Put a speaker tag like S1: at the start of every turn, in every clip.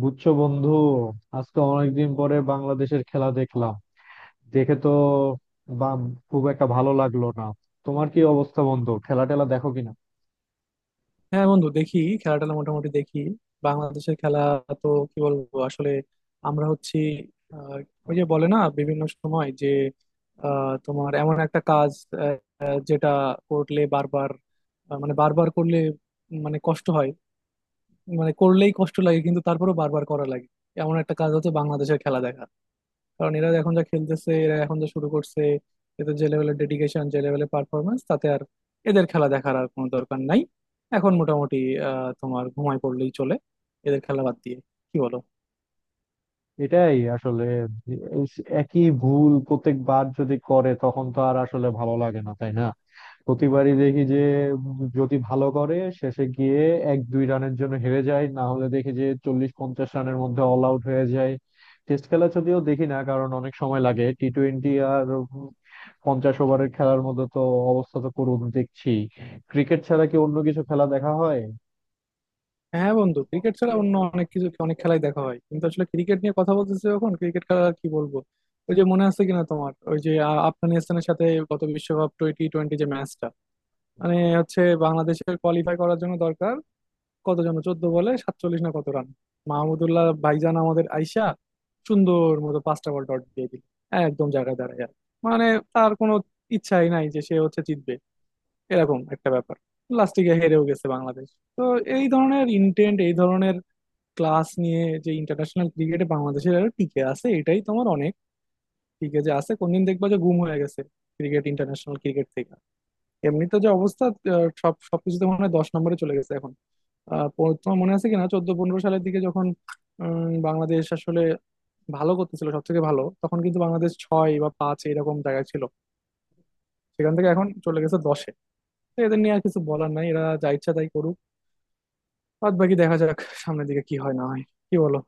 S1: বুঝছো, বন্ধু। আজকে অনেকদিন পরে বাংলাদেশের খেলা দেখলাম, দেখে তো বা- খুব একটা ভালো লাগলো না। তোমার কি অবস্থা, বন্ধু? খেলা টেলা দেখো কিনা?
S2: হ্যাঁ বন্ধু, দেখি খেলা টেলা মোটামুটি দেখি। বাংলাদেশের খেলা, তো কি বলবো আসলে? আমরা হচ্ছি, আহ, ওই যে বলে না বিভিন্ন সময় যে তোমার এমন একটা কাজ, আহ, যেটা করলে বারবার, মানে বারবার করলে, মানে কষ্ট হয়, মানে করলেই কষ্ট লাগে কিন্তু তারপরেও বারবার করা লাগে। এমন একটা কাজ হচ্ছে বাংলাদেশের খেলা দেখা। কারণ এরা এখন যা খেলতেছে, এরা এখন যা শুরু করছে, এদের যে লেভেলের ডেডিকেশন, যে লেভেলের পারফরমেন্স, তাতে আর এদের খেলা দেখার আর কোনো দরকার নাই। এখন মোটামুটি তোমার ঘুমায় পড়লেই চলে এদের খেলা বাদ দিয়ে। কি বলো?
S1: এটাই আসলে, এই একই ভুল প্রত্যেকবার যদি করে তখন তো আর আসলে ভালো লাগে না, তাই না? প্রতিবারই দেখি যে যদি ভালো করে শেষে গিয়ে এক দুই রানের জন্য হেরে যায়, না হলে দেখি যে 40-50 রানের মধ্যে অল আউট হয়ে যায়। টেস্ট খেলা যদিও দেখি না কারণ অনেক সময় লাগে। টি-টোয়েন্টি আর 50 ওভারের খেলার মধ্যে তো অবস্থা তো করুন দেখছি। ক্রিকেট ছাড়া কি অন্য কিছু খেলা দেখা হয়?
S2: হ্যাঁ বন্ধু, ক্রিকেট ছাড়া অন্য অনেক কিছু অনেক খেলাই দেখা হয় কিন্তু আসলে ক্রিকেট নিয়ে কথা বলতেছি যখন, ক্রিকেট খেলা আর কি বলবো। ওই যে মনে আছে কিনা তোমার, ওই যে আফগানিস্তানের সাথে গত বিশ্বকাপ টোয়েন্টি টোয়েন্টি, যে ম্যাচটা, মানে হচ্ছে বাংলাদেশের কোয়ালিফাই করার জন্য দরকার, কত যেন 14 বলে 47, না কত রান। মাহমুদুল্লাহ ভাইজান আমাদের আইসা সুন্দর মতো পাঁচটা বল ডট দিয়ে দিল, একদম জায়গায় দাঁড়ায় আর। মানে তার কোনো ইচ্ছাই নাই যে সে হচ্ছে জিতবে, এরকম একটা ব্যাপার। লাস্টে গিয়ে হেরেও গেছে বাংলাদেশ। তো এই ধরনের ইন্টেন্ট, এই ধরনের ক্লাস নিয়ে যে ইন্টারন্যাশনাল ক্রিকেটে বাংলাদেশের আরো টিকে আছে, এটাই তোমার অনেক। টিকে যে আছে, কোনদিন দেখবা যে গুম হয়ে গেছে ক্রিকেট, ইন্টারন্যাশনাল ক্রিকেট থেকে। এমনিতে যে অবস্থা, সব সবকিছুতে মনে হয় 10 নম্বরে চলে গেছে এখন। তোমার মনে আছে কিনা 14-15 সালের দিকে যখন বাংলাদেশ আসলে ভালো করতেছিল, সব থেকে ভালো তখন কিন্তু বাংলাদেশ ছয় বা পাঁচ এরকম জায়গায় ছিল। সেখান থেকে এখন চলে গেছে দশে। তো এদের নিয়ে আর কিছু বলার নাই, এরা যা ইচ্ছা তাই করুক। বাদ বাকি দেখা যাক সামনের দিকে কি হয় না হয়। কি বলো?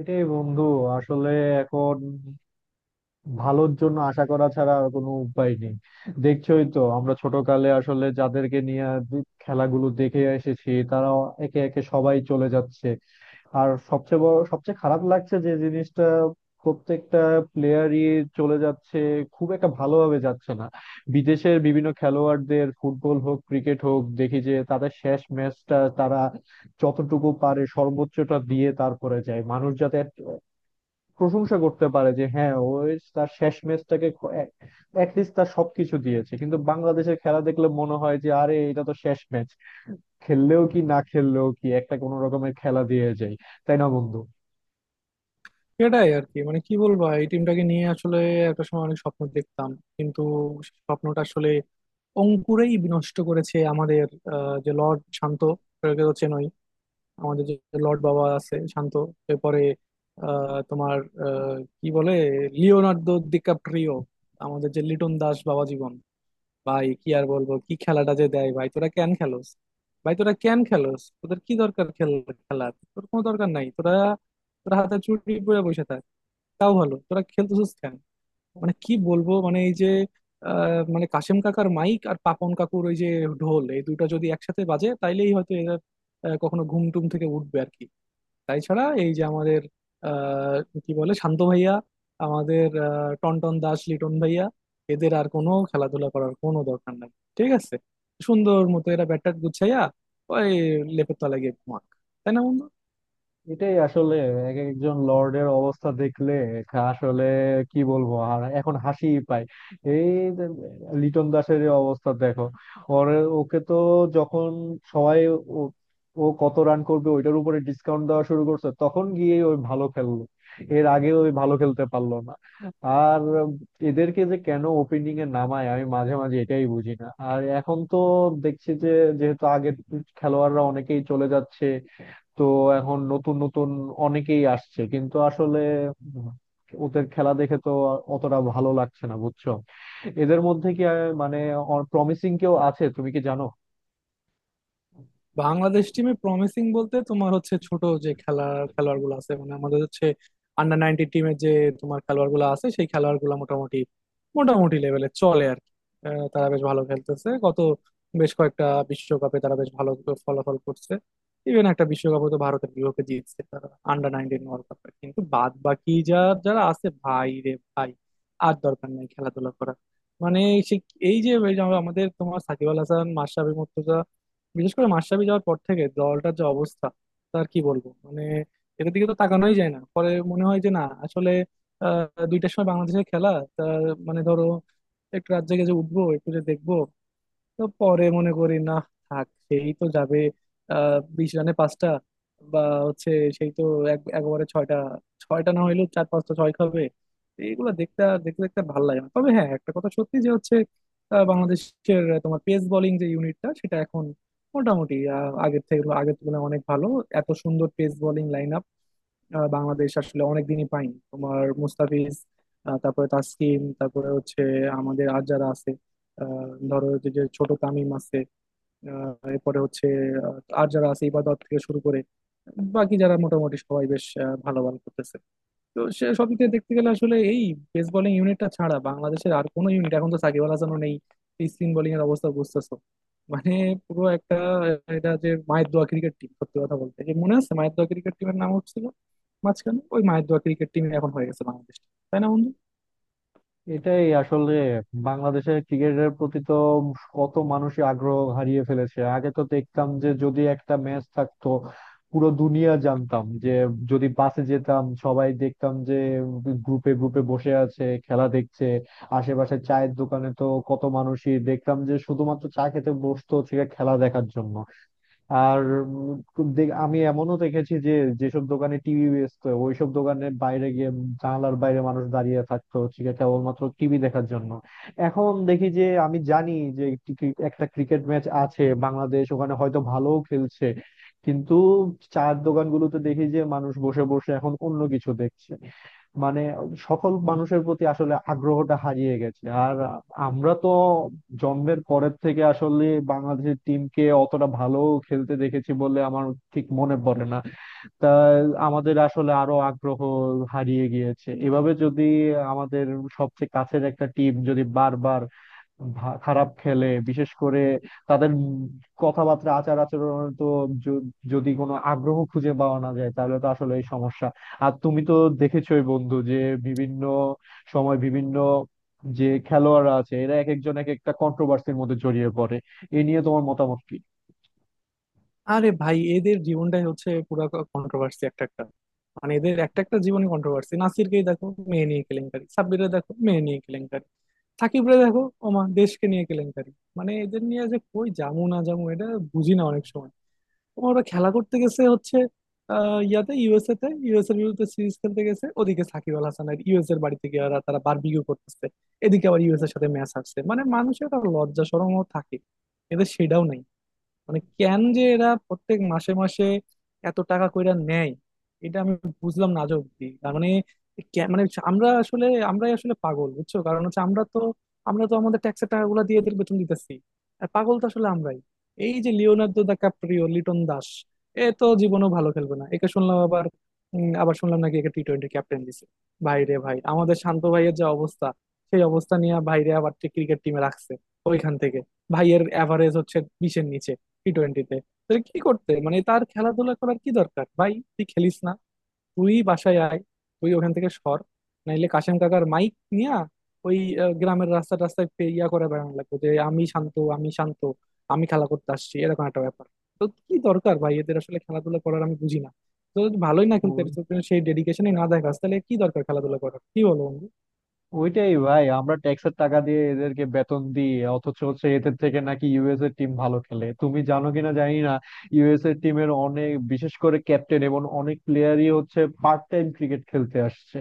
S1: এটাই বন্ধু, আসলে এখন ভালোর জন্য আশা করা ছাড়া আর কোনো উপায় নেই। দেখছোই তো, আমরা ছোটকালে আসলে যাদেরকে নিয়ে খেলাগুলো দেখে এসেছি তারা একে একে সবাই চলে যাচ্ছে। আর সবচেয়ে বড় সবচেয়ে খারাপ লাগছে যে জিনিসটা, প্রত্যেকটা প্লেয়ারই চলে যাচ্ছে, খুব একটা ভালোভাবে যাচ্ছে না। বিদেশের বিভিন্ন খেলোয়াড়দের, ফুটবল হোক ক্রিকেট হোক, দেখি যে তাদের শেষ ম্যাচটা তারা যতটুকু পারে সর্বোচ্চটা দিয়ে তারপরে যায়, মানুষ যাতে প্রশংসা করতে পারে যে হ্যাঁ, ও তার শেষ ম্যাচটাকে অ্যাটলিস্ট তার সবকিছু দিয়েছে। কিন্তু বাংলাদেশের খেলা দেখলে মনে হয় যে আরে এটা তো শেষ ম্যাচ, খেললেও কি না খেললেও কি, একটা কোনো রকমের খেলা দিয়ে যায়। তাই না বন্ধু?
S2: সেটাই আর কি, মানে কি বলবো, এই টিমটাকে নিয়ে আসলে একটা সময় অনেক স্বপ্ন দেখতাম, কিন্তু সে স্বপ্নটা আসলে অঙ্কুরেই বিনষ্ট করেছে আমাদের যে লর্ড শান্ত, একে তো চেনই, আমাদের যে লর্ড বাবা আছে শান্ত। এরপরে আহ, তোমার কি বলে, লিওনার্দো ডিক্যাপ্রিও, আমাদের যে লিটন দাস বাবা জীবন। ভাই, কি আর বলবো, কি খেলাটা যে দেয়। ভাই তোরা কেন খেলোস? ভাই তোরা কেন খেলোস, তোদের কি দরকার খেল, খেলার তোর কোনো দরকার নাই। তোরা, তোরা হাতে চুড়ি পরে বসে থাক, তাও ভালো। তোরা খেলতেছিস কেন? মানে কি বলবো, মানে এই যে মানে কাশেম কাকার মাইক আর পাপন কাকুর ওই যে ঢোল, এই দুটো যদি একসাথে বাজে তাইলেই হয়তো এরা কখনো ঘুম টুম থেকে উঠবে আর কি। তাই ছাড়া এই যে আমাদের আহ কি বলে শান্ত ভাইয়া, আমাদের টনটন দাস লিটন ভাইয়া, এদের আর কোনো খেলাধুলা করার কোনো দরকার নাই। ঠিক আছে? সুন্দর মতো এরা ব্যাট ট্যাট গুছাইয়া ওই লেপের তলায় গিয়ে ঘুমাক। তাই না বন্ধু?
S1: এটাই আসলে, এক একজন লর্ডের অবস্থা দেখলে আসলে কি বলবো আর, এখন হাসিই পায়। এই যে লিটন দাসের এই অবস্থা দেখো, ওর, ওকে তো যখন সবাই ও ও কত রান করবে ওইটার উপরে ডিসকাউন্ট দেওয়া শুরু করছে তখন গিয়ে ওই ভালো খেললো, এর আগে ওই ভালো খেলতে পারলো না। আর এদেরকে যে কেন ওপেনিং এ নামায় আমি মাঝে মাঝে এটাই বুঝি না। আর এখন তো দেখছি যে, যেহেতু আগের খেলোয়াড়রা অনেকেই চলে যাচ্ছে, তো এখন নতুন নতুন অনেকেই আসছে, কিন্তু আসলে উম, ওদের খেলা দেখে তো অতটা ভালো লাগছে না, বুঝছো। এদের মধ্যে কি আহ, মানে প্রমিসিং কেউ আছে, তুমি কি জানো?
S2: বাংলাদেশ টিমে প্রমিসিং বলতে তোমার হচ্ছে ছোট যে খেলা, খেলোয়াড় গুলো আছে, মানে আমাদের হচ্ছে আন্ডার নাইনটিন টিমে যে তোমার খেলোয়াড় গুলো আছে, সেই খেলোয়াড় গুলো মোটামুটি মোটামুটি লেভেলে চলে আর কি। তারা বেশ ভালো খেলতেছে গত বেশ কয়েকটা বিশ্বকাপে, তারা বেশ ভালো ফলাফল করছে। ইভেন একটা বিশ্বকাপে তো ভারতের বিপক্ষে জিতছে তারা আন্ডার নাইনটিন ওয়ার্ল্ড কাপে। কিন্তু বাদ বাকি যা, যারা আছে, ভাই রে ভাই, আর দরকার নেই খেলাধুলা করার। মানে সে, এই যে এই যে আমাদের তোমার সাকিব আল হাসান, মাশরাফি মুর্তজা, বিশেষ করে মাশরাফি যাওয়ার পর থেকে দলটার যে অবস্থা, তার কি বলবো মানে। এটার দিকে তো তাকানোই যায় না, পরে মনে হয় যে না আসলে 2টার সময় বাংলাদেশের খেলা, তা মানে ধরো একটু রাত জেগে যে উঠবো, একটু যে দেখবো, তো পরে মনে করি না, থাক, সেই তো যাবে 20 রানে 5টা, বা হচ্ছে সেই তো এক একবারে ছয়টা, ছয়টা না হইলেও চার পাঁচটা ছয় খাবে। তো এইগুলো দেখতে দেখতে দেখতে ভালো লাগে না। তবে হ্যাঁ একটা কথা সত্যি, যে হচ্ছে বাংলাদেশের তোমার পেস বোলিং যে ইউনিটটা, সেটা এখন মোটামুটি আগের থেকে, আগের তুলনায় অনেক ভালো। এত সুন্দর পেস বোলিং লাইন বাংলাদেশ আসলে অনেকদিনই পাইনি। তোমার মুস্তাফিজ, তারপরে তাসকিন, তারপরে হচ্ছে আমাদের আর যারা আছে, ধরো যে যে ছোট তামিম আছে, এরপরে হচ্ছে আর যারা আছে ইবাদত থেকে শুরু করে বাকি যারা মোটামুটি সবাই বেশ ভালো ভালো করতেছে। তো সে সব দিক থেকে দেখতে গেলে আসলে এই পেস বোলিং ইউনিটটা ছাড়া বাংলাদেশের আর কোনো ইউনিট এখন, তো সাকিব আল হাসানও নেই, স্পিন বোলিং এর অবস্থা বুঝতেছো। মানে পুরো একটা, এটা যে মায়ের দোয়া ক্রিকেট টিম, সত্যি কথা বলতে, যে মনে আছে মায়ের দোয়া ক্রিকেট টিমের নাম হচ্ছিল মাঝখানে, ওই মায়ের দোয়া ক্রিকেট টিম এখন হয়ে গেছে বাংলাদেশ। তাই না বন্ধু?
S1: এটাই আসলে, বাংলাদেশের ক্রিকেটের প্রতি তো কত মানুষই আগ্রহ হারিয়ে ফেলেছে। আগে তো দেখতাম যে যদি একটা ম্যাচ থাকতো, পুরো দুনিয়া জানতাম যে, যদি বাসে যেতাম সবাই দেখতাম যে গ্রুপে গ্রুপে বসে আছে, খেলা দেখছে। আশেপাশে চায়ের দোকানে তো কত মানুষই দেখতাম যে শুধুমাত্র চা খেতে বসতো, হচ্ছে গিয়ে খেলা দেখার জন্য। আর আমি এমনও দেখেছি যে, যেসব দোকানে টিভি বেচতো ওইসব দোকানের বাইরে গিয়ে, জানালার বাইরে মানুষ দাঁড়িয়ে থাকতো, হচ্ছে গিয়ে কেবলমাত্র টিভি দেখার জন্য। এখন দেখি যে, আমি জানি যে একটি একটা ক্রিকেট ম্যাচ আছে, বাংলাদেশ ওখানে হয়তো ভালোও খেলছে, কিন্তু চায়ের দোকানগুলোতে দেখি যে মানুষ বসে বসে এখন অন্য কিছু দেখছে। মানে সকল মানুষের প্রতি আসলে আগ্রহটা হারিয়ে গেছে। আর আমরা তো জন্মের পরের থেকে আসলে বাংলাদেশের টিমকে অতটা ভালো খেলতে দেখেছি বলে আমার ঠিক মনে পড়ে না। তা আমাদের আসলে আরো আগ্রহ হারিয়ে গিয়েছে। এভাবে যদি আমাদের সবচেয়ে কাছের একটা টিম যদি বারবার খারাপ খেলে, বিশেষ করে তাদের কথাবার্তা আচার আচরণে তো য- যদি কোনো আগ্রহ খুঁজে পাওয়া না যায়, তাহলে তো আসলে এই সমস্যা। আর তুমি তো দেখেছোই বন্ধু যে বিভিন্ন সময় বিভিন্ন যে খেলোয়াড়রা আছে, এরা এক একজন এক একটা কন্ট্রোভার্সির মধ্যে জড়িয়ে পড়ে। এ নিয়ে তোমার মতামত কি?
S2: আরে ভাই, এদের জীবনটাই হচ্ছে পুরা কন্ট্রোভার্সি। একটা একটা মানে এদের একটা একটা জীবনে কন্ট্রোভার্সি। নাসিরকেই দেখো, মেয়ে নিয়ে কেলেঙ্কারি, সাব্বিরে দেখো মেয়ে নিয়ে কেলেঙ্কারি, সাকিবরে দেখো ওমা দেশকে নিয়ে কেলেঙ্কারি। মানে এদের নিয়ে যে কই জামু না জামু, এটা বুঝি না অনেক সময়। তোমার ওরা খেলা করতে গেছে হচ্ছে ইয়াতে, ইউএসএ তে, ইউএস এর বিরুদ্ধে সিরিজ খেলতে গেছে, ওদিকে সাকিব আল হাসান আর ইউএস এর বাড়িতে গিয়ে ওরা, তারা বারবিকিউ করতেছে। এদিকে আবার ইউএস এর সাথে ম্যাচ আসছে। মানে মানুষের একটা লজ্জা শরমও থাকে, এদের সেটাও নাই। মানে কেন যে এরা প্রত্যেক মাসে মাসে এত টাকা কইরা নেয়, এটা আমি বুঝলাম না আজ অব্দি। তার মানে মানে আমরা আসলে, আমরাই আসলে পাগল, বুঝছো? কারণ হচ্ছে আমরা তো আমাদের ট্যাক্সের টাকাগুলো দিয়ে এদের বেতন দিতেছি। আর পাগল তো আসলে আমরাই। এই যে Leonardo DiCaprio Liton Das, এ তো জীবনও ভালো খেলবে না, একে শুনলাম আবার, আবার শুনলাম নাকি একে টি টোয়েন্টি ক্যাপ্টেন দিছে। ভাই রে ভাই, আমাদের শান্ত ভাইয়ের যে অবস্থা, সেই অবস্থা নিয়ে ভাইরে আবার ক্রিকেট টিমে রাখছে। ওইখান থেকে ভাইয়ের অ্যাভারেজ হচ্ছে 20-এর নিচে টি টোয়েন্টিতে। তাহলে কি করতে, মানে তার খেলাধুলা করার কি দরকার? ভাই তুই খেলিস না, তুই বাসায় আয়, তুই ওখান থেকে সর। নাইলে কাশেম কাকার মাইক নিয়া ওই গ্রামের রাস্তা রাস্তায় ইয়া করে বেড়ানো লাগবে যে আমি শান্ত, আমি শান্ত, আমি খেলা করতে আসছি, এরকম একটা ব্যাপার। তো কি দরকার ভাই এদের আসলে খেলাধুলা করার, আমি বুঝি না। তো যদি ভালোই না খেলতে পারিস, তো সেই ডেডিকেশনই না দেখাস, তাহলে কি দরকার খেলাধুলা করার, কি বলো বন্ধু?
S1: ওইটাই ভাই, আমরা ট্যাক্সের টাকা দিয়ে এদেরকে বেতন দিই, অথচ হচ্ছে এদের থেকে নাকি ইউএস এর টিম ভালো খেলে, তুমি জানো কিনা জানি না। ইউএস এর টিমের অনেক, বিশেষ করে ক্যাপ্টেন এবং অনেক প্লেয়ারই হচ্ছে পার্ট টাইম ক্রিকেট খেলতে আসছে।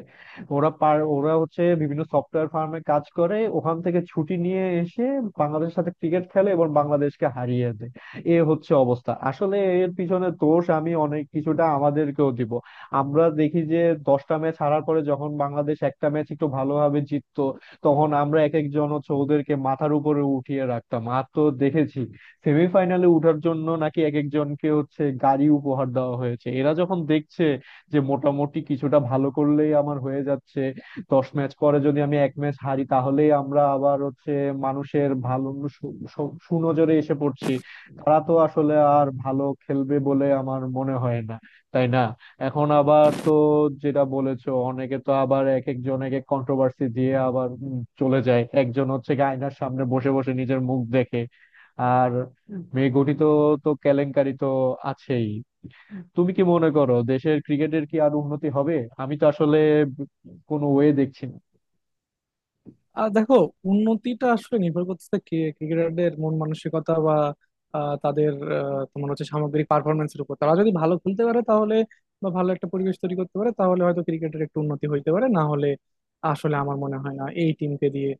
S1: ওরা হচ্ছে বিভিন্ন সফটওয়্যার ফার্মে কাজ করে, ওখান থেকে ছুটি নিয়ে এসে বাংলাদেশের সাথে ক্রিকেট খেলে এবং বাংলাদেশকে হারিয়ে দেয়। এ হচ্ছে অবস্থা আসলে। এর পিছনে দোষ আমি অনেক কিছুটা আমাদেরকেও দিব। আমরা দেখি যে, 10টা ম্যাচ হারার পরে যখন বাংলাদেশ একটা ম্যাচ একটু ভালোভাবে জিততো, তখন আমরা এক একজন হচ্ছে ওদেরকে মাথার উপরে উঠিয়ে রাখতাম। আর তো দেখেছি, সেমিফাইনালে উঠার জন্য নাকি এক একজনকে হচ্ছে গাড়ি উপহার দেওয়া হয়েছে। এরা যখন দেখছে যে মোটামুটি কিছুটা ভালো করলেই আমার হয়ে যাচ্ছে, 10 ম্যাচ পরে যদি আমি এক ম্যাচ হারি তাহলেই আমরা আবার হচ্ছে মানুষের ভালো সু- সু- সুনজরে এসে পড়ছি, তারা তো আসলে আর ভালো খেলবে বলে আমার মনে হয় না। তাই না? এখন আবার তো, যেটা বলেছো, অনেকে তো আবার এক একজন এক এক কন্ট্রোভার্সি দিয়ে আবার চলে যায়। একজন হচ্ছে কি আয়নার সামনে বসে বসে নিজের মুখ দেখে, আর মেয়ে গঠিত তো কেলেঙ্কারি তো আছেই। তুমি কি মনে করো দেশের ক্রিকেটের কি আর উন্নতি হবে? আমি তো আসলে কোনো ওয়ে দেখছি না।
S2: আর দেখো, উন্নতিটা আসলে নির্ভর করতেছে কে ক্রিকেটারদের মন মানসিকতা বা তাদের তোমার হচ্ছে সামগ্রিক পারফরমেন্সের উপর। তারা যদি ভালো খেলতে পারে তাহলে, বা ভালো একটা পরিবেশ তৈরি করতে পারে তাহলে হয়তো ক্রিকেটের একটু উন্নতি হইতে পারে, না হলে আসলে আমার মনে হয় না এই টিমকে দিয়ে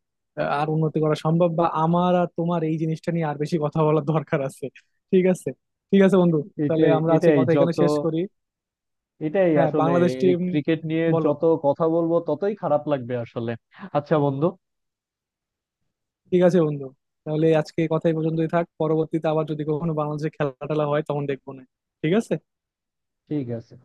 S2: আর উন্নতি করা সম্ভব। বা আমার আর তোমার এই জিনিসটা নিয়ে আর বেশি কথা বলার দরকার আছে। ঠিক আছে? ঠিক আছে বন্ধু। তাহলে
S1: এটাই
S2: আমরা আজকে
S1: এটাই
S2: কথা এখানে
S1: যত
S2: শেষ করি।
S1: এটাই
S2: হ্যাঁ
S1: আসলে,
S2: বাংলাদেশ
S1: এই
S2: টিম।
S1: ক্রিকেট নিয়ে
S2: বলো।
S1: যত কথা বলবো ততই খারাপ লাগবে আসলে। আচ্ছা বন্ধু,
S2: ঠিক আছে বন্ধু, তাহলে আজকে কথা এই পর্যন্তই থাক। পরবর্তীতে আবার যদি কখনো বাংলাদেশে খেলা টেলা হয় তখন দেখবো। না, ঠিক আছে।
S1: ঠিক আছে।